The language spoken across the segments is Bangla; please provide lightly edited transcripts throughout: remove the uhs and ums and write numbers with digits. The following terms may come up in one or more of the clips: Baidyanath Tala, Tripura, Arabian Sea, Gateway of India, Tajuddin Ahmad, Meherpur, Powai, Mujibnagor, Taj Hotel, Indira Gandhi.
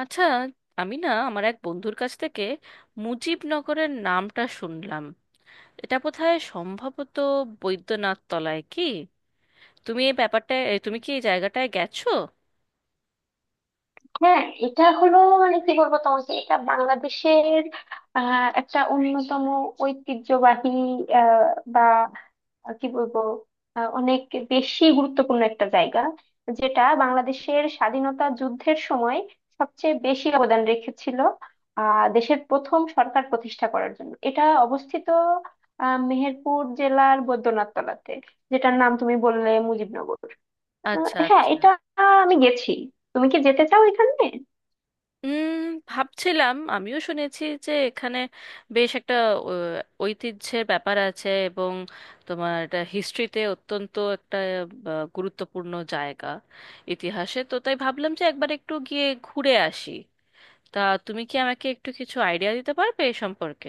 আচ্ছা, আমি না আমার এক বন্ধুর কাছ থেকে মুজিবনগরের নামটা শুনলাম। এটা বোধহয় সম্ভবত বৈদ্যনাথ তলায়, কি তুমি এই ব্যাপারটা তুমি কি এই জায়গাটায় গেছো? হ্যাঁ, এটা হলো মানে কি বলবো তোমাকে, এটা বাংলাদেশের একটা অন্যতম ঐতিহ্যবাহী আহ, বা কি বলবো আহ, অনেক বেশি গুরুত্বপূর্ণ একটা জায়গা, যেটা বাংলাদেশের স্বাধীনতা যুদ্ধের সময় সবচেয়ে বেশি অবদান রেখেছিল দেশের প্রথম সরকার প্রতিষ্ঠা করার জন্য। এটা অবস্থিত মেহেরপুর জেলার বৈদ্যনাথ তলাতে, যেটার নাম তুমি বললে মুজিবনগর। আচ্ছা হ্যাঁ, আচ্ছা। এটা আমি গেছি। তুমি কি যেতে চাও এখানে? উম ভাবছিলাম, আমিও শুনেছি যে এখানে বেশ একটা ঐতিহ্যের ব্যাপার আছে, এবং তোমার এটা হিস্ট্রিতে অত্যন্ত একটা গুরুত্বপূর্ণ জায়গা ইতিহাসে। তো তাই ভাবলাম যে একবার একটু গিয়ে ঘুরে আসি। তা তুমি কি আমাকে একটু কিছু আইডিয়া দিতে পারবে এ সম্পর্কে?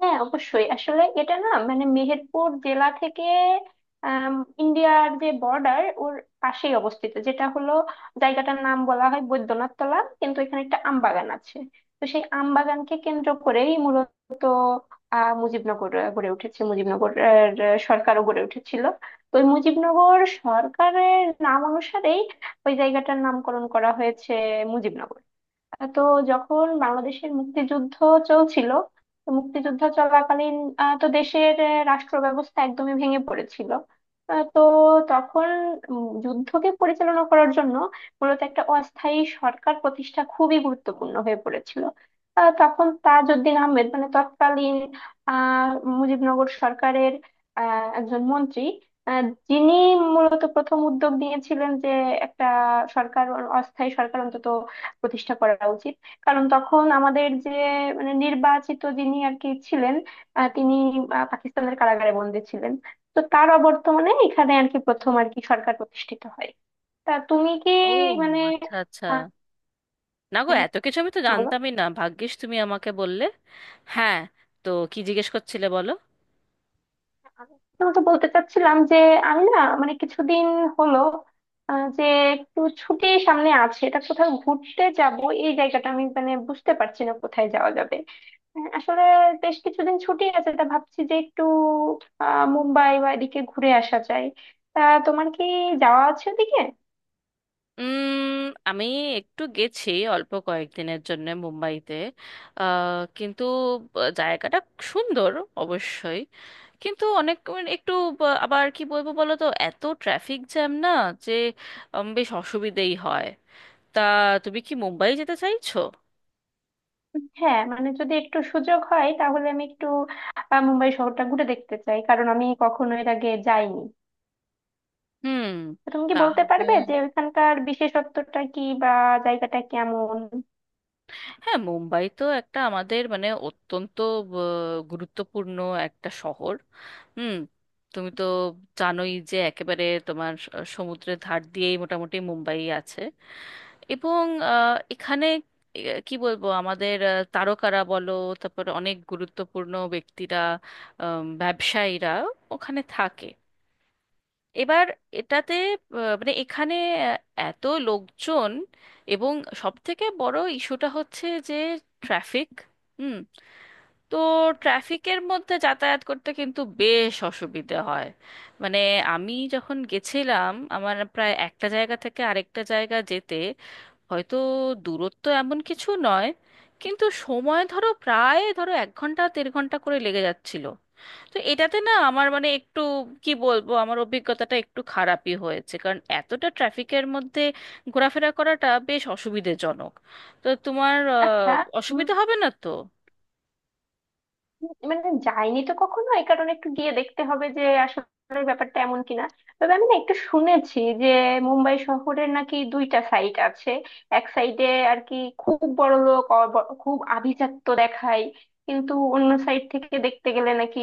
হ্যাঁ অবশ্যই, আসলে এটা না মানে মেহেরপুর জেলা থেকে আম, ইন্ডিয়ার যে বর্ডার ওর পাশেই অবস্থিত, যেটা হলো জায়গাটার নাম বলা হয় বৈদ্যনাথ তলা, কিন্তু এখানে একটা আমবাগান আছে। তো সেই আমবাগানকে কেন্দ্র করেই মূলত মুজিবনগর গড়ে উঠেছে, মুজিবনগর আহ, আহ, সরকারও গড়ে উঠেছিল। তো ওই মুজিবনগর সরকারের নাম অনুসারেই ওই জায়গাটার নামকরণ করা হয়েছে মুজিবনগর। তো যখন বাংলাদেশের মুক্তিযুদ্ধ চলছিল, তো মুক্তিযুদ্ধ চলাকালীন তো দেশের রাষ্ট্র ব্যবস্থা একদমই ভেঙে পড়েছিল। তো তখন যুদ্ধকে পরিচালনা করার জন্য মূলত একটা অস্থায়ী সরকার প্রতিষ্ঠা খুবই গুরুত্বপূর্ণ হয়ে পড়েছিল। তখন তাজউদ্দিন আহমেদ, মানে তৎকালীন আহ মুজিবনগর সরকারের একজন মন্ত্রী, আহ, যিনি মূলত প্রথম উদ্যোগ নিয়েছিলেন যে একটা সরকার, অস্থায়ী সরকার অন্তত প্রতিষ্ঠা করা উচিত। কারণ তখন আমাদের যে মানে নির্বাচিত যিনি আর কি ছিলেন, তিনি পাকিস্তানের কারাগারে বন্দী ছিলেন। তো তার অবর্তমানে এখানে আর কি প্রথম আর কি সরকার প্রতিষ্ঠিত হয়। তা তুমি কি ও, মানে আচ্ছা আচ্ছা। আহ, না গো, হ্যাঁ, এত কিছু আমি তো বলো। জানতামই না, ভাগ্যিস তুমি আমাকে বললে। হ্যাঁ, তো কি জিজ্ঞেস করছিলে বলো? তোমাকে বলতে চাচ্ছিলাম যে আমি না মানে কিছুদিন হলো যে একটু ছুটি সামনে আছে, এটা কোথাও ঘুরতে যাব। এই জায়গাটা আমি মানে বুঝতে পারছি না কোথায় যাওয়া যাবে। হ্যাঁ, আসলে বেশ কিছুদিন ছুটি আছে, তা ভাবছি যে একটু মুম্বাই বা এদিকে ঘুরে আসা যায়। তা তোমার কি যাওয়া আছে ওদিকে? উম আমি একটু গেছি অল্প কয়েকদিনের জন্য মুম্বাইতে। কিন্তু জায়গাটা সুন্দর অবশ্যই, কিন্তু অনেক মানে একটু আবার কি বলবো বলো তো, এত ট্রাফিক জ্যাম না যে বেশ অসুবিধেই হয়। তা তুমি কি মুম্বাই যেতে চাইছো? হ্যাঁ মানে যদি একটু সুযোগ হয় তাহলে আমি একটু মুম্বাই শহরটা ঘুরে দেখতে চাই, কারণ আমি কখনো এর আগে যাইনি। হুম, তো তুমি কি বলতে তাহলে পারবে যে ওইখানকার বিশেষত্বটা কি বা জায়গাটা কেমন? হ্যাঁ মুম্বাই তো একটা আমাদের মানে অত্যন্ত গুরুত্বপূর্ণ একটা শহর। হুম। তুমি তো জানোই যে একেবারে তোমার সমুদ্রের ধার দিয়েই মোটামুটি মুম্বাই আছে। এবং এখানে কি বলবো, আমাদের তারকারা বলো, তারপর অনেক গুরুত্বপূর্ণ ব্যক্তিরা, ব্যবসায়ীরা ওখানে থাকে। এবার এটাতে মানে এখানে আহ, এত লোকজন, এবং সব থেকে বড় ইস্যুটা হচ্ছে যে ট্রাফিক। হুম। তো ট্রাফিকের মধ্যে যাতায়াত করতে কিন্তু বেশ অসুবিধে হয়। মানে আমি যখন গেছিলাম, আমার প্রায় একটা জায়গা থেকে আরেকটা জায়গা যেতে, হয়তো দূরত্ব এমন কিছু নয়, কিন্তু সময় ধরো প্রায় ধরো এক ঘন্টা দেড় ঘন্টা করে লেগে যাচ্ছিল। তো এটাতে না আমার মানে একটু, কি বলবো, আমার অভিজ্ঞতাটা একটু খারাপই হয়েছে, কারণ এতটা ট্রাফিকের মধ্যে ঘোরাফেরা করাটা বেশ অসুবিধাজনক। তো তোমার আচ্ছা অসুবিধা হবে না তো? মানে যাইনি তো কখনো, এই কারণে একটু গিয়ে দেখতে হবে যে আসলে ব্যাপারটা এমন কিনা। তবে আমি না একটু শুনেছি যে মুম্বাই শহরের নাকি দুইটা সাইড আছে। এক সাইডে আর কি খুব বড় লোক, খুব আভিজাত্য দেখায়। কিন্তু অন্য সাইড থেকে দেখতে গেলে নাকি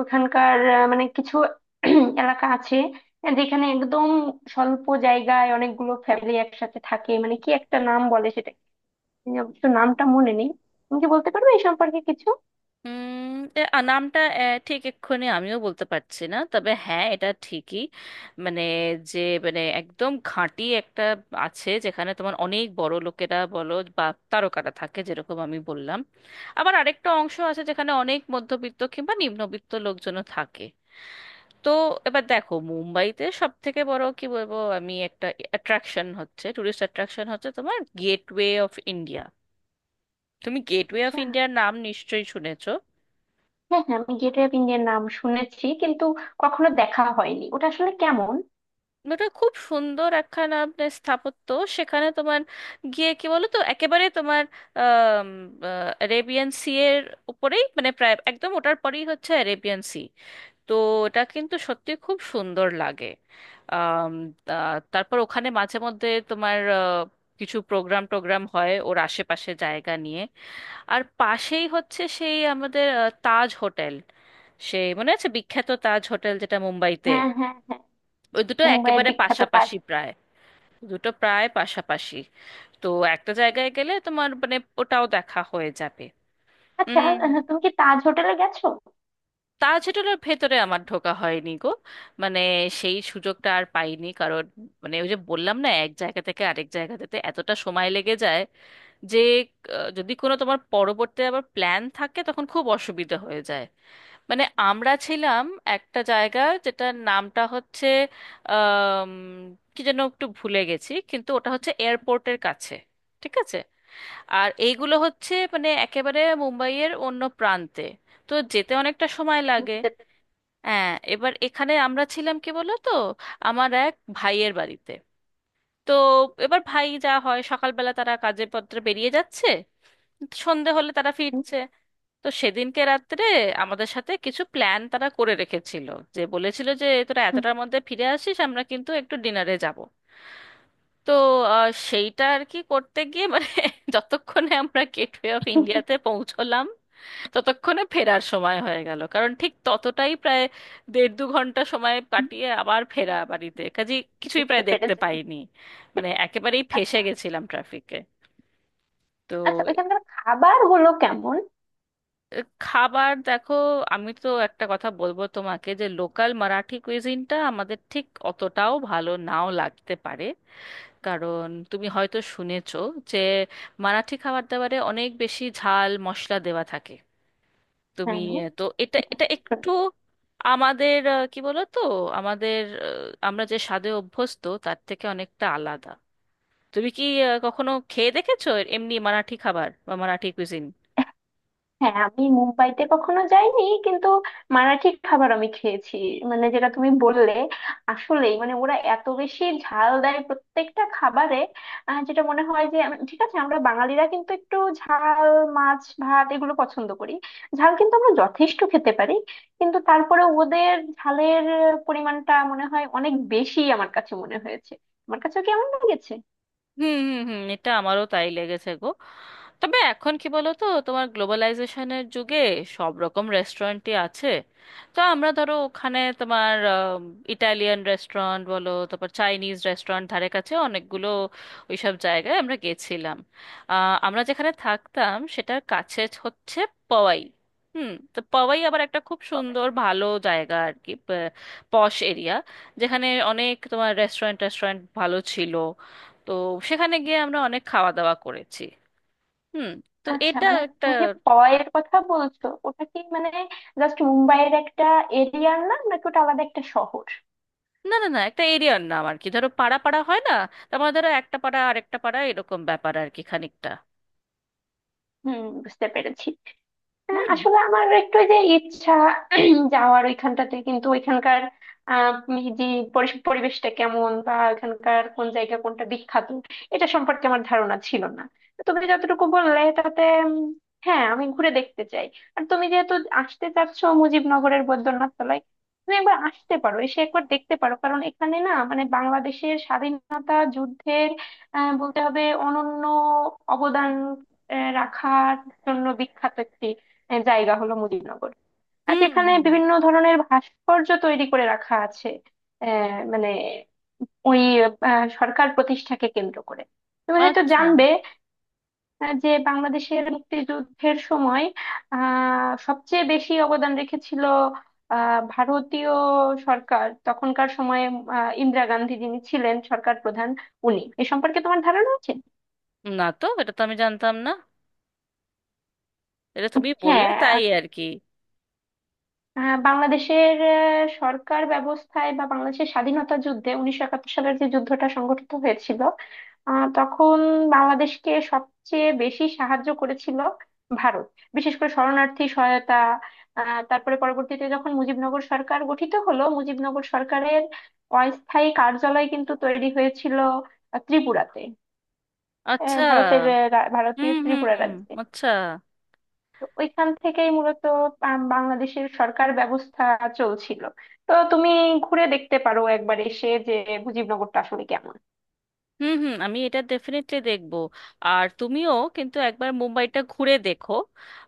ওখানকার মানে কিছু এলাকা আছে যেখানে একদম স্বল্প জায়গায় অনেকগুলো ফ্যামিলি একসাথে থাকে, মানে কি একটা নাম বলে সেটা, আমি অবশ্য নামটা মনে নেই। তুমি কি বলতে পারবে এই সম্পর্কে কিছু? নামটা ঠিক এক্ষুনি আমিও বলতে পারছি না, তবে হ্যাঁ এটা ঠিকই, মানে যে মানে একদম ঘাঁটি একটা আছে যেখানে তোমার অনেক বড় লোকেরা বলো বা তারকারা থাকে যেরকম আমি বললাম। আবার আরেকটা অংশ আছে যেখানে অনেক মধ্যবিত্ত কিংবা নিম্নবিত্ত লোকজনও থাকে। তো এবার দেখো, মুম্বাইতে সব থেকে বড় কি বলবো আমি একটা অ্যাট্রাকশন হচ্ছে, টুরিস্ট অ্যাট্রাকশন হচ্ছে তোমার গেটওয়ে অফ ইন্ডিয়া। তুমি গেটওয়ে অফ আচ্ছা, ইন্ডিয়ার নাম নিশ্চয়ই শুনেছো। হ্যাঁ হ্যাঁ, আমি গেট ওয়ে অফ ইন্ডিয়ার নাম শুনেছি, কিন্তু কখনো দেখা হয়নি ওটা আসলে কেমন। ওটা খুব সুন্দর একখানা আপনার স্থাপত্য। সেখানে তোমার গিয়ে কি বলো তো, একেবারে তোমার আরেবিয়ান সি এর উপরেই, মানে প্রায় একদম ওটার পরেই হচ্ছে অ্যারেবিয়ান সি। তো ওটা কিন্তু সত্যি খুব সুন্দর লাগে। আম, তারপর ওখানে মাঝে মধ্যে তোমার কিছু প্রোগ্রাম টোগ্রাম হয় ওর আশেপাশে জায়গা নিয়ে। আর পাশেই হচ্ছে সেই আমাদের তাজ হোটেল, সেই মনে আছে বিখ্যাত তাজ হোটেল যেটা মুম্বাইতে। হ্যাঁ হ্যাঁ হ্যাঁ, ওই দুটো মুম্বাইয়ের একেবারে বিখ্যাত তাজ। পাশাপাশি প্রায়, দুটো প্রায় পাশাপাশি। তো একটা জায়গায় গেলে তোমার মানে ওটাও দেখা হয়ে যাবে। আচ্ছা, হুম। তুমি কি তাজ হোটেলে গেছো? তাজ হোটেলের ভেতরে আমার ঢোকা হয়নি গো। মানে সেই সুযোগটা আর পাইনি, কারণ মানে ওই যে বললাম না, এক জায়গা থেকে আরেক জায়গাতে এতটা সময় লেগে যায় যে যদি কোনো তোমার পরবর্তী আবার প্ল্যান থাকে তখন খুব অসুবিধা হয়ে যায়। মানে আমরা ছিলাম একটা জায়গা যেটার নামটা হচ্ছে আম, কি যেন একটু ভুলে গেছি, কিন্তু ওটা হচ্ছে এয়ারপোর্টের কাছে, ঠিক আছে? আর এইগুলো হচ্ছে মানে একেবারে মুম্বাইয়ের অন্য প্রান্তে, তো যেতে অনেকটা সময় লাগে। হ্যাঁ, এবার এখানে আমরা ছিলাম কি বলো তো, আমার এক ভাইয়ের বাড়িতে। তো এবার ভাই যা হয়, সকালবেলা তারা কাজে পত্রে বেরিয়ে যাচ্ছে, সন্ধে হলে তারা হুম, ফিরছে। তো সেদিনকে রাত্রে আমাদের সাথে কিছু প্ল্যান তারা করে রেখেছিল, যে বলেছিল যে তোরা হুম, এতটার মধ্যে ফিরে আসিস, আমরা কিন্তু একটু ডিনারে যাব। তো সেইটা আর কি করতে গিয়ে মানে যতক্ষণে আমরা গেটওয়ে অফ হুম, ইন্ডিয়াতে পৌঁছলাম, ততক্ষণে ফেরার সময় হয়ে গেল, কারণ ঠিক ততটাই প্রায় দেড় দু ঘন্টা সময় হুম, কাটিয়ে আবার ফেরা বাড়িতে কাজে। কিছুই বুঝতে প্রায় দেখতে পেরেছি। পাইনি, মানে একেবারেই ফেঁসে আ- গেছিলাম ট্রাফিকে। তো আচ্ছা, ওইখানকার খাবার গুলো কেমন? খাবার দেখো, আমি তো একটা কথা বলবো তোমাকে যে লোকাল মারাঠি কুইজিনটা আমাদের ঠিক অতটাও ভালো নাও লাগতে পারে, কারণ তুমি হয়তো শুনেছো যে মারাঠি খাবার দাবারে অনেক বেশি ঝাল মশলা দেওয়া থাকে। তুমি হ্যাঁ তো এটা সেটা। এটা একটু আমাদের কি বলো তো, আমাদের আমরা যে স্বাদে অভ্যস্ত তার থেকে অনেকটা আলাদা। তুমি কি কখনো খেয়ে দেখেছো এমনি মারাঠি খাবার বা মারাঠি কুইজিন? হ্যাঁ আমি মুম্বাইতে কখনো যাইনি, কিন্তু মারাঠি খাবার আমি খেয়েছি। মানে যেটা তুমি বললে, আসলেই মানে ওরা এত বেশি ঝাল দেয় প্রত্যেকটা খাবারে। যেটা মনে হয় যে ঠিক আছে, আমরা বাঙালিরা কিন্তু একটু ঝাল, মাছ ভাত এগুলো পছন্দ করি, ঝাল কিন্তু আমরা যথেষ্ট খেতে পারি, কিন্তু তারপরে ওদের ঝালের পরিমাণটা মনে হয় অনেক বেশি, আমার কাছে মনে হয়েছে, আমার কাছেও কেমন লেগেছে। হুম হুম হুম, এটা আমারও তাই লেগেছে গো। তবে এখন কি বলো তো, তোমার গ্লোবালাইজেশনের যুগে সব রকম রেস্টুরেন্টই আছে। তো আমরা ধরো ওখানে তোমার ইটালিয়ান রেস্টুরেন্ট বলো, তারপর চাইনিজ রেস্টুরেন্ট, ধারে কাছে অনেকগুলো ওইসব জায়গায় আমরা গেছিলাম। আমরা যেখানে থাকতাম সেটার কাছে হচ্ছে পওয়াই। হুম, তো পওয়াই আবার একটা খুব সুন্দর ভালো জায়গা আর কি, পশ এরিয়া, যেখানে অনেক তোমার রেস্টুরেন্ট রেস্টুরেন্ট ভালো ছিল। তো সেখানে গিয়ে আমরা অনেক খাওয়া দাওয়া করেছি। হুম। তো আচ্ছা, এটা মানে একটা। তুমি যে পয়ের কথা বলছো, ওটা কি মানে জাস্ট মুম্বাইয়ের একটা এরিয়ার নাম, নাকি ওটা আলাদা একটা শহর? না না না, একটা এরিয়ার নাম আর কি। ধরো পাড়া পাড়া হয় না, তারপরে ধরো একটা পাড়া আরেকটা পাড়া, এরকম ব্যাপার আর কি খানিকটা। হুম, বুঝতে পেরেছি। হুম আসলে আমার একটু ওই যে ইচ্ছা যাওয়ার ওইখানটাতে, কিন্তু ওইখানকার যে পরিবেশটা কেমন বা ওইখানকার কোন জায়গা কোনটা বিখ্যাত, এটা সম্পর্কে আমার ধারণা ছিল না। তো তুমি যতটুকু বললে তাতে উম, হ্যাঁ আমি ঘুরে দেখতে চাই। আর তুমি যেহেতু আসতে চাচ্ছ মুজিবনগরের বৈদ্যনাথ তলায়, তুমি একবার আসতে পারো, এসে একবার দেখতে পারো, কারণ এখানে না মানে বাংলাদেশের স্বাধীনতা যুদ্ধের বলতে হবে অনন্য অবদান রাখার জন্য বিখ্যাত একটি এর জায়গা হলো মুজিবনগর। আর হুম যেখানে হুম, বিভিন্ন ধরনের ভাস্কর্য তৈরি করে রাখা আছে মানে ওই সরকার প্রতিষ্ঠাকে কেন্দ্র করে। তুমি হয়তো আচ্ছা। জানবে যে বাংলাদেশের মুক্তিযুদ্ধের সময় সবচেয়ে বেশি অবদান রেখেছিল ভারতীয় সরকার তখনকার সময়ে। ইন্দিরা গান্ধী যিনি ছিলেন সরকার প্রধান, উনি, এ সম্পর্কে তোমার ধারণা আছে? না তো, এটা তো আমি জানতাম না, এটা তুমি বললে হ্যাঁ, তাই আর কি। বাংলাদেশের সরকার ব্যবস্থায় বা বাংলাদেশের স্বাধীনতা যুদ্ধে 1971 সালের যে যুদ্ধটা সংঘটিত হয়েছিল, তখন বাংলাদেশকে সবচেয়ে বেশি সাহায্য করেছিল ভারত, বিশেষ করে শরণার্থী সহায়তা। তারপরে পরবর্তীতে যখন মুজিবনগর সরকার গঠিত হলো, মুজিবনগর সরকারের অস্থায়ী কার্যালয় কিন্তু তৈরি হয়েছিল ত্রিপুরাতে, আচ্ছা। ভারতের হুম ভারতীয় হুম ত্রিপুরা হুম, রাজ্যে। আচ্ছা। তো ওইখান থেকেই মূলত বাংলাদেশের সরকার ব্যবস্থা চলছিল। তো তুমি ঘুরে দেখতে পারো একবার এসে যে মুজিবনগরটা আসলে কেমন। হুম হুম, আমি এটা ডেফিনেটলি দেখবো। আর তুমিও কিন্তু একবার মুম্বাইটা ঘুরে দেখো।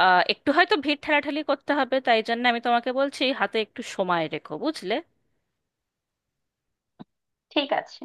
একটু হয়তো ভিড় ঠেলাঠেলি করতে হবে, তাই জন্য আমি তোমাকে বলছি হাতে একটু সময় রেখো, বুঝলে? ঠিক আছে।